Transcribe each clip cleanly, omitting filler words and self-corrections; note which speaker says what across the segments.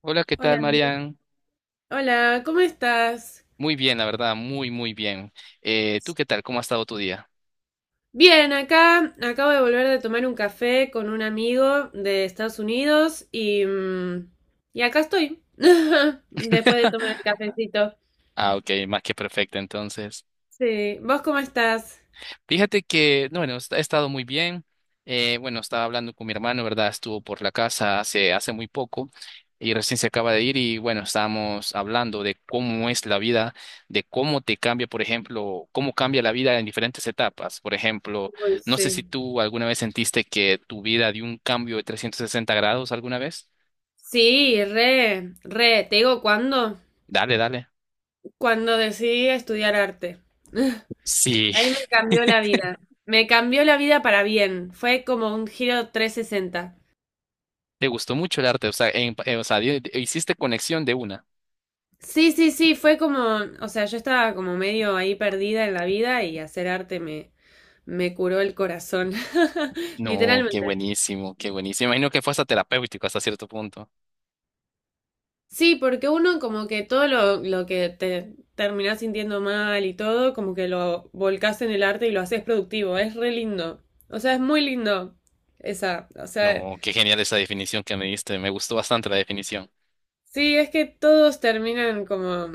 Speaker 1: Hola, ¿qué
Speaker 2: Hola,
Speaker 1: tal,
Speaker 2: amigo.
Speaker 1: Marian?
Speaker 2: Hola, ¿cómo estás?
Speaker 1: Muy bien, la verdad, muy, muy bien. ¿Tú qué tal? ¿Cómo ha estado tu día?
Speaker 2: Bien, acá acabo de volver de tomar un café con un amigo de Estados Unidos y, acá estoy, después de tomar el cafecito.
Speaker 1: Ah, ok, más que perfecto, entonces.
Speaker 2: Sí, ¿vos cómo estás?
Speaker 1: Fíjate que, no, bueno, he estado muy bien. Bueno, estaba hablando con mi hermano, ¿verdad? Estuvo por la casa hace muy poco y recién se acaba de ir y, bueno, estábamos hablando de cómo es la vida, de cómo te cambia, por ejemplo, cómo cambia la vida en diferentes etapas. Por ejemplo,
Speaker 2: Uy,
Speaker 1: no sé si
Speaker 2: sí.
Speaker 1: tú alguna vez sentiste que tu vida dio un cambio de 360 grados alguna vez.
Speaker 2: Sí, re, te digo cuándo,
Speaker 1: Dale, dale.
Speaker 2: cuando decidí estudiar arte.
Speaker 1: Sí,
Speaker 2: Ahí me cambió la vida. Me cambió la vida para bien. Fue como un giro 360.
Speaker 1: te gustó mucho el arte, o sea, o sea, hiciste conexión de una.
Speaker 2: Sí, sí, sí, fue como, o sea, yo estaba como medio ahí perdida en la vida y hacer arte me curó el corazón,
Speaker 1: No, qué
Speaker 2: literalmente.
Speaker 1: buenísimo, qué buenísimo. Imagino que fue hasta terapéutico hasta cierto punto.
Speaker 2: Sí, porque uno como que todo lo que te terminás sintiendo mal y todo, como que lo volcás en el arte y lo haces productivo, es re lindo. O sea, es muy lindo esa, o sea,
Speaker 1: No, qué genial esa definición que me diste, me gustó bastante la definición.
Speaker 2: sí, es que todos terminan como,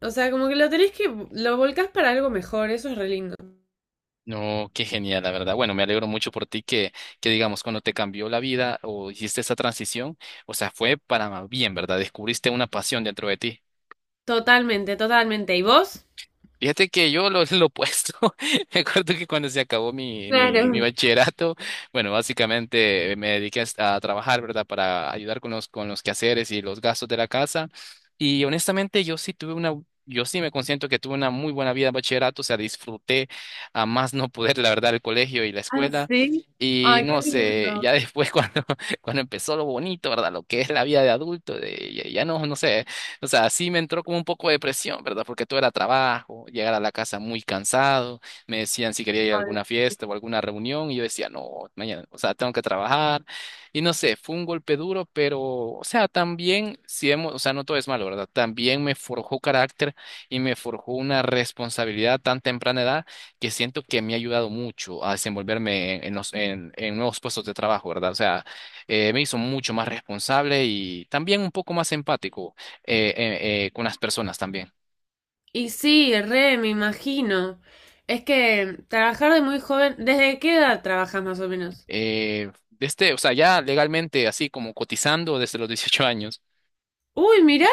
Speaker 2: o sea, como que lo tenés que, lo volcás para algo mejor, eso es re lindo.
Speaker 1: No, qué genial, la verdad. Bueno, me alegro mucho por ti que digamos, cuando te cambió la vida o hiciste esa transición, o sea, fue para bien, ¿verdad? Descubriste una pasión dentro de ti.
Speaker 2: Totalmente, totalmente. ¿Y vos?
Speaker 1: Fíjate que yo lo opuesto. Me acuerdo que cuando se acabó mi
Speaker 2: Claro.
Speaker 1: bachillerato, bueno, básicamente me dediqué a trabajar, ¿verdad? Para ayudar con con los quehaceres y los gastos de la casa. Y honestamente, yo sí me consiento que tuve una muy buena vida en bachillerato, o sea, disfruté a más no poder, la verdad, el colegio y la
Speaker 2: Ah,
Speaker 1: escuela.
Speaker 2: sí.
Speaker 1: Y
Speaker 2: Ay, qué
Speaker 1: no sé,
Speaker 2: lindo.
Speaker 1: ya después cuando empezó lo bonito, ¿verdad? Lo que es la vida de adulto, de, ya, no sé. O sea, sí me entró como un poco de presión, ¿verdad? Porque todo era trabajo, llegar a la casa muy cansado, me decían si quería ir a
Speaker 2: Ay,
Speaker 1: alguna fiesta o alguna reunión y yo decía, no, mañana, o sea, tengo que trabajar. Y no sé, fue un golpe duro, pero, o sea, también, si hemos, o sea, no todo es malo, ¿verdad? También me forjó carácter y me forjó una responsabilidad tan temprana edad que siento que me ha ayudado mucho a desenvolverme en en nuevos puestos de trabajo, ¿verdad? O sea, me hizo mucho más responsable y también un poco más empático con las personas también.
Speaker 2: y sí, re, me imagino. Es que trabajar de muy joven, ¿desde qué edad trabajas más o menos?
Speaker 1: Desde, o sea, ya legalmente, así como cotizando desde los 18 años.
Speaker 2: Uy, mirá.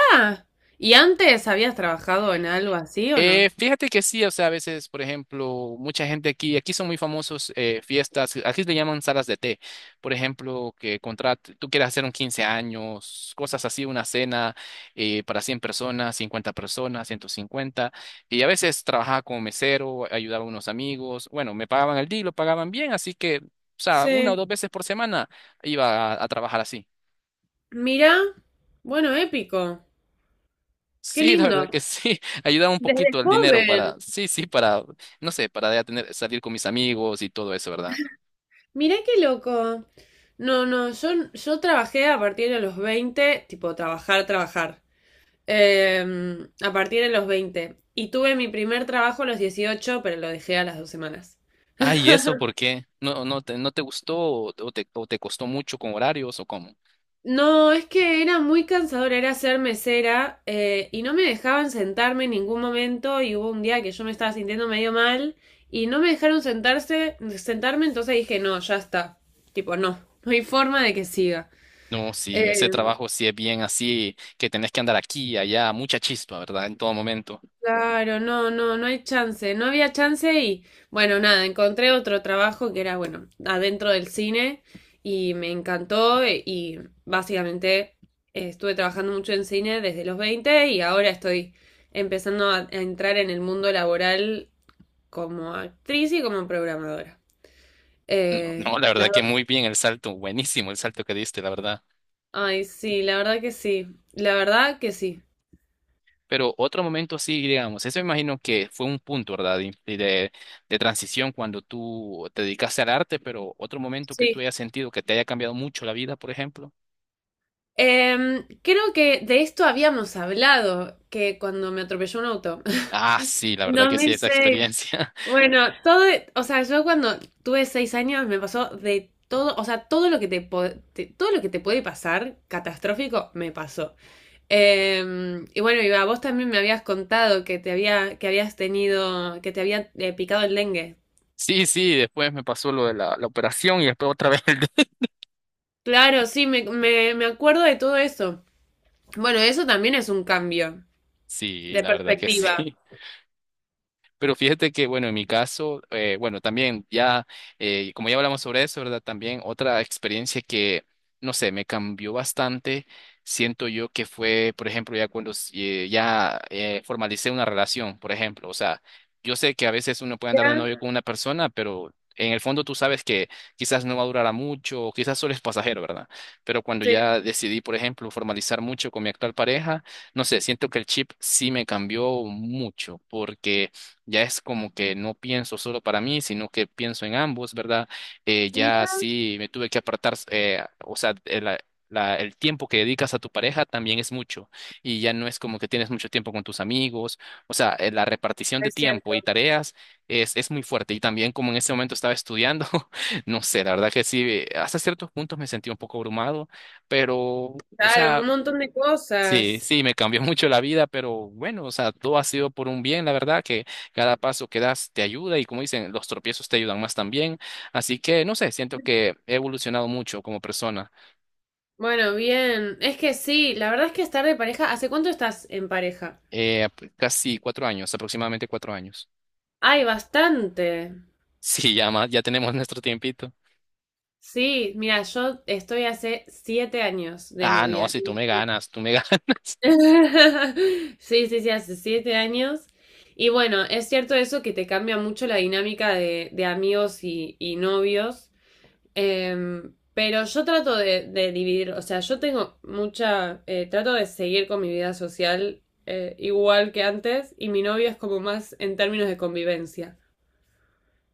Speaker 2: ¿Y antes habías trabajado en algo así o no?
Speaker 1: Fíjate que sí, o sea, a veces, por ejemplo, mucha gente aquí, aquí son muy famosos fiestas, aquí le llaman salas de té, por ejemplo, que contrat tú quieres hacer un 15 años, cosas así, una cena para 100 personas, 50 personas, 150, y a veces trabajaba como mesero, ayudaba a unos amigos, bueno, me pagaban el día y lo pagaban bien, así que, o sea, una o
Speaker 2: Sí.
Speaker 1: dos veces por semana iba a trabajar así.
Speaker 2: Mirá. Bueno, épico. Qué
Speaker 1: Sí, la
Speaker 2: lindo.
Speaker 1: verdad que sí, ayudaba un
Speaker 2: Desde
Speaker 1: poquito el dinero
Speaker 2: joven.
Speaker 1: para, sí, sí, para, no sé, para ya tener, salir con mis amigos y todo eso, ¿verdad?
Speaker 2: Mirá qué loco. No, no, yo trabajé a partir de los 20, tipo trabajar, trabajar. A partir de los 20, y tuve mi primer trabajo a los 18 pero lo dejé a las 2 semanas.
Speaker 1: Ah, ¿y eso por qué? ¿No, no te gustó o te costó mucho con horarios o cómo?
Speaker 2: No, es que era muy cansador, era ser mesera, y no me dejaban sentarme en ningún momento y hubo un día que yo me estaba sintiendo medio mal y no me dejaron sentarse, sentarme, entonces dije, no, ya está. Tipo, no, no hay forma de que siga.
Speaker 1: No,
Speaker 2: Eh,
Speaker 1: sí, ese trabajo sí es bien así, que tenés que andar aquí y allá, mucha chispa, ¿verdad? En todo momento.
Speaker 2: Claro, no, no, no hay chance, no había chance y bueno, nada, encontré otro trabajo que era, bueno, adentro del cine y me encantó y básicamente estuve trabajando mucho en cine desde los 20 y ahora estoy empezando a entrar en el mundo laboral como actriz y como programadora.
Speaker 1: No, no,
Speaker 2: Eh,
Speaker 1: la
Speaker 2: las
Speaker 1: verdad que
Speaker 2: dos.
Speaker 1: muy bien el salto, buenísimo el salto que diste, la verdad.
Speaker 2: Ay, sí, la verdad que sí, la verdad que sí.
Speaker 1: Pero otro momento sí, digamos, eso me imagino que fue un punto, ¿verdad? De, transición cuando tú te dedicaste al arte, pero otro momento que tú
Speaker 2: Sí.
Speaker 1: hayas sentido que te haya cambiado mucho la vida, por ejemplo.
Speaker 2: Creo que de esto habíamos hablado, que cuando me atropelló un auto.
Speaker 1: Ah, sí, la verdad
Speaker 2: dos
Speaker 1: que sí,
Speaker 2: mil
Speaker 1: esa
Speaker 2: seis
Speaker 1: experiencia.
Speaker 2: Bueno, todo, o sea, yo cuando tuve 6 años me pasó de todo, o sea, todo lo que todo lo que te puede pasar catastrófico me pasó. Y bueno, iba, vos también me habías contado que te había, que habías tenido, que te había picado el dengue.
Speaker 1: Sí, sí, después me pasó lo de la operación y después otra vez
Speaker 2: Claro, sí, me acuerdo de todo eso. Bueno, eso también es un cambio
Speaker 1: Sí,
Speaker 2: de
Speaker 1: la verdad que
Speaker 2: perspectiva.
Speaker 1: sí. Pero fíjate que, bueno, en mi caso, bueno, también ya, como ya hablamos sobre eso, ¿verdad? También otra experiencia que, no sé, me cambió bastante, siento yo que fue, por ejemplo, ya cuando ya formalicé una relación, por ejemplo, o sea, yo sé que a veces uno puede andar de novio
Speaker 2: Ya,
Speaker 1: con una persona, pero en el fondo tú sabes que quizás no va a durar a mucho, o quizás solo es pasajero, ¿verdad? Pero cuando
Speaker 2: se
Speaker 1: ya decidí, por ejemplo, formalizar mucho con mi actual pareja, no sé, siento que el chip sí me cambió mucho, porque ya es como que no pienso solo para mí, sino que pienso en ambos, ¿verdad? Ya
Speaker 2: mira,
Speaker 1: sí me tuve que apartar, o sea, el tiempo que dedicas a tu pareja también es mucho y ya no es como que tienes mucho tiempo con tus amigos, o sea, la repartición de
Speaker 2: es
Speaker 1: tiempo
Speaker 2: cierto.
Speaker 1: y tareas es muy fuerte y también como en ese momento estaba estudiando, no sé, la verdad que sí, hasta ciertos puntos me sentí un poco abrumado, pero, o
Speaker 2: Claro,
Speaker 1: sea...
Speaker 2: un montón de
Speaker 1: Sí,
Speaker 2: cosas.
Speaker 1: sí, me cambió mucho la vida, pero bueno, o sea, todo ha sido por un bien, la verdad, que cada paso que das te ayuda y como dicen, los tropiezos te ayudan más también. Así que, no sé, siento que he evolucionado mucho como persona,
Speaker 2: Bueno, bien. Es que sí, la verdad es que estar de pareja. ¿Hace cuánto estás en pareja?
Speaker 1: casi 4 años, aproximadamente 4 años.
Speaker 2: Ay, bastante.
Speaker 1: Sí, ya más, ya tenemos nuestro tiempito.
Speaker 2: Sí, mira, yo estoy hace 7 años de
Speaker 1: Ah, no,
Speaker 2: novia.
Speaker 1: si tú me ganas, tú me ganas.
Speaker 2: Sí, sí, sí, hace 7 años. Y bueno, es cierto eso que te cambia mucho la dinámica de amigos y novios. Pero yo trato de dividir, o sea, yo tengo mucha, trato de seguir con mi vida social, igual que antes, y mi novio es como más en términos de convivencia.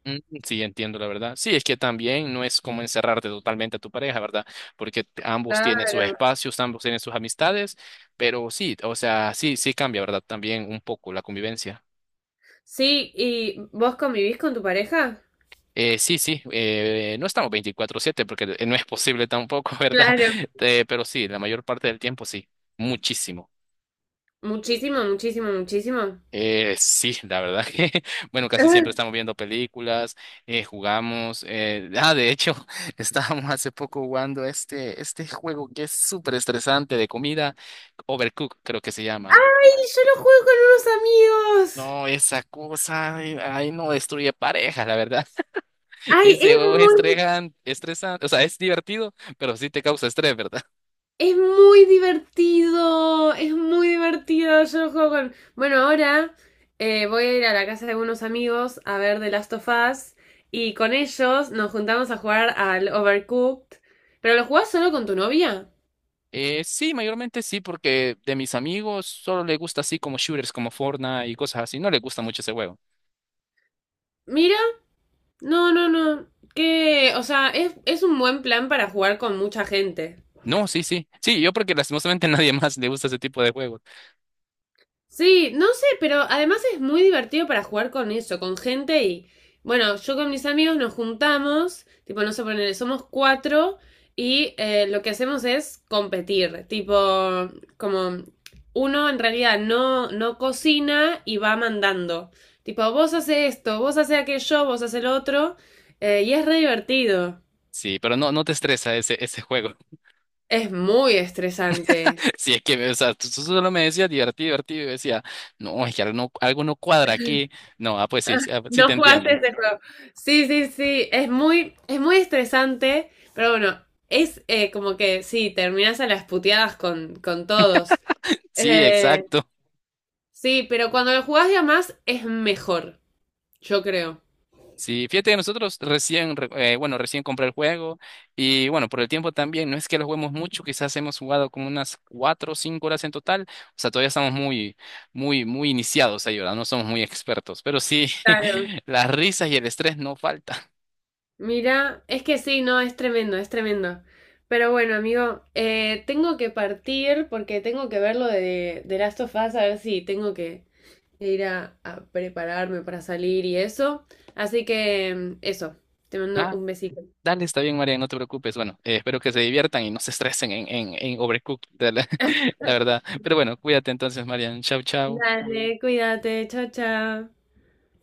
Speaker 1: Mm, sí, entiendo la verdad. Sí, es que también no es como encerrarte totalmente a tu pareja, ¿verdad? Porque ambos tienen
Speaker 2: Claro.
Speaker 1: sus espacios, ambos tienen sus amistades, pero sí, o sea, sí, sí cambia, ¿verdad? También un poco la convivencia.
Speaker 2: Sí, ¿y vos convivís con tu pareja?
Speaker 1: Sí, sí, no estamos 24/7 porque no es posible tampoco, ¿verdad?
Speaker 2: Claro.
Speaker 1: Pero sí, la mayor parte del tiempo sí, muchísimo.
Speaker 2: Muchísimo, muchísimo, muchísimo.
Speaker 1: Sí, la verdad que, bueno, casi siempre
Speaker 2: Ay,
Speaker 1: estamos viendo películas, jugamos, de hecho, estábamos hace poco jugando este juego que es súper estresante de comida, Overcook creo que se llama.
Speaker 2: yo lo juego con unos amigos.
Speaker 1: No, esa cosa, ay, ay, no destruye parejas, la verdad.
Speaker 2: Ay
Speaker 1: Ese
Speaker 2: es
Speaker 1: juego
Speaker 2: muy
Speaker 1: estresante, o sea, es divertido, pero sí te causa estrés, ¿verdad?
Speaker 2: Es muy divertido, es muy divertido. Yo lo juego con, bueno, ahora voy a ir a la casa de unos amigos a ver The Last of Us y con ellos nos juntamos a jugar al Overcooked. ¿Pero lo jugás solo con tu novia?
Speaker 1: Sí, mayormente sí, porque de mis amigos solo le gusta así como shooters, como Fortnite y cosas así, no le gusta mucho ese juego.
Speaker 2: Mira, no, no, no. Que, o sea, es un buen plan para jugar con mucha gente.
Speaker 1: No, sí, sí. Sí, yo porque lastimosamente nadie más le gusta ese tipo de juegos.
Speaker 2: Sí, no sé, pero además es muy divertido para jugar con eso, con gente, y bueno, yo con mis amigos nos juntamos, tipo, no sé, ponele, somos cuatro y lo que hacemos es competir, tipo, como uno en realidad no cocina y va mandando, tipo, vos haces esto, vos haces aquello, vos haces el otro, y es re divertido,
Speaker 1: Sí, pero no, no te estresa ese juego.
Speaker 2: es muy estresante.
Speaker 1: Sí, es que, o sea, tú solo me decías divertido, divertido, y decía, no, es que algo no cuadra aquí. No, ah, pues sí, sí, ah, sí te
Speaker 2: No jugaste
Speaker 1: entiendo.
Speaker 2: ese juego. Sí, sí, sí. Es muy estresante, pero bueno, es, como que sí, terminás a las puteadas con todos.
Speaker 1: Sí,
Speaker 2: Eh,
Speaker 1: exacto.
Speaker 2: sí, pero cuando lo jugás de a más es mejor, yo creo.
Speaker 1: Sí, fíjate que nosotros bueno, recién compré el juego y bueno, por el tiempo también, no es que lo juguemos mucho, quizás hemos jugado como unas 4 o 5 horas en total, o sea, todavía estamos muy, muy, muy iniciados ahí, ¿verdad? No somos muy expertos, pero sí,
Speaker 2: Claro.
Speaker 1: las risas y el estrés no faltan.
Speaker 2: Mira, es que sí, no, es tremendo, es tremendo. Pero bueno, amigo, tengo que partir porque tengo que ver lo de Last of Us, a ver si tengo que ir a prepararme para salir y eso. Así que eso, te mando
Speaker 1: Ah,
Speaker 2: un besito.
Speaker 1: dale, está bien, María, no te preocupes. Bueno, espero que se diviertan y no se estresen en, en Overcooked, la verdad. Pero bueno, cuídate entonces, María. Chao, chao.
Speaker 2: Dale, cuídate, chao, chao.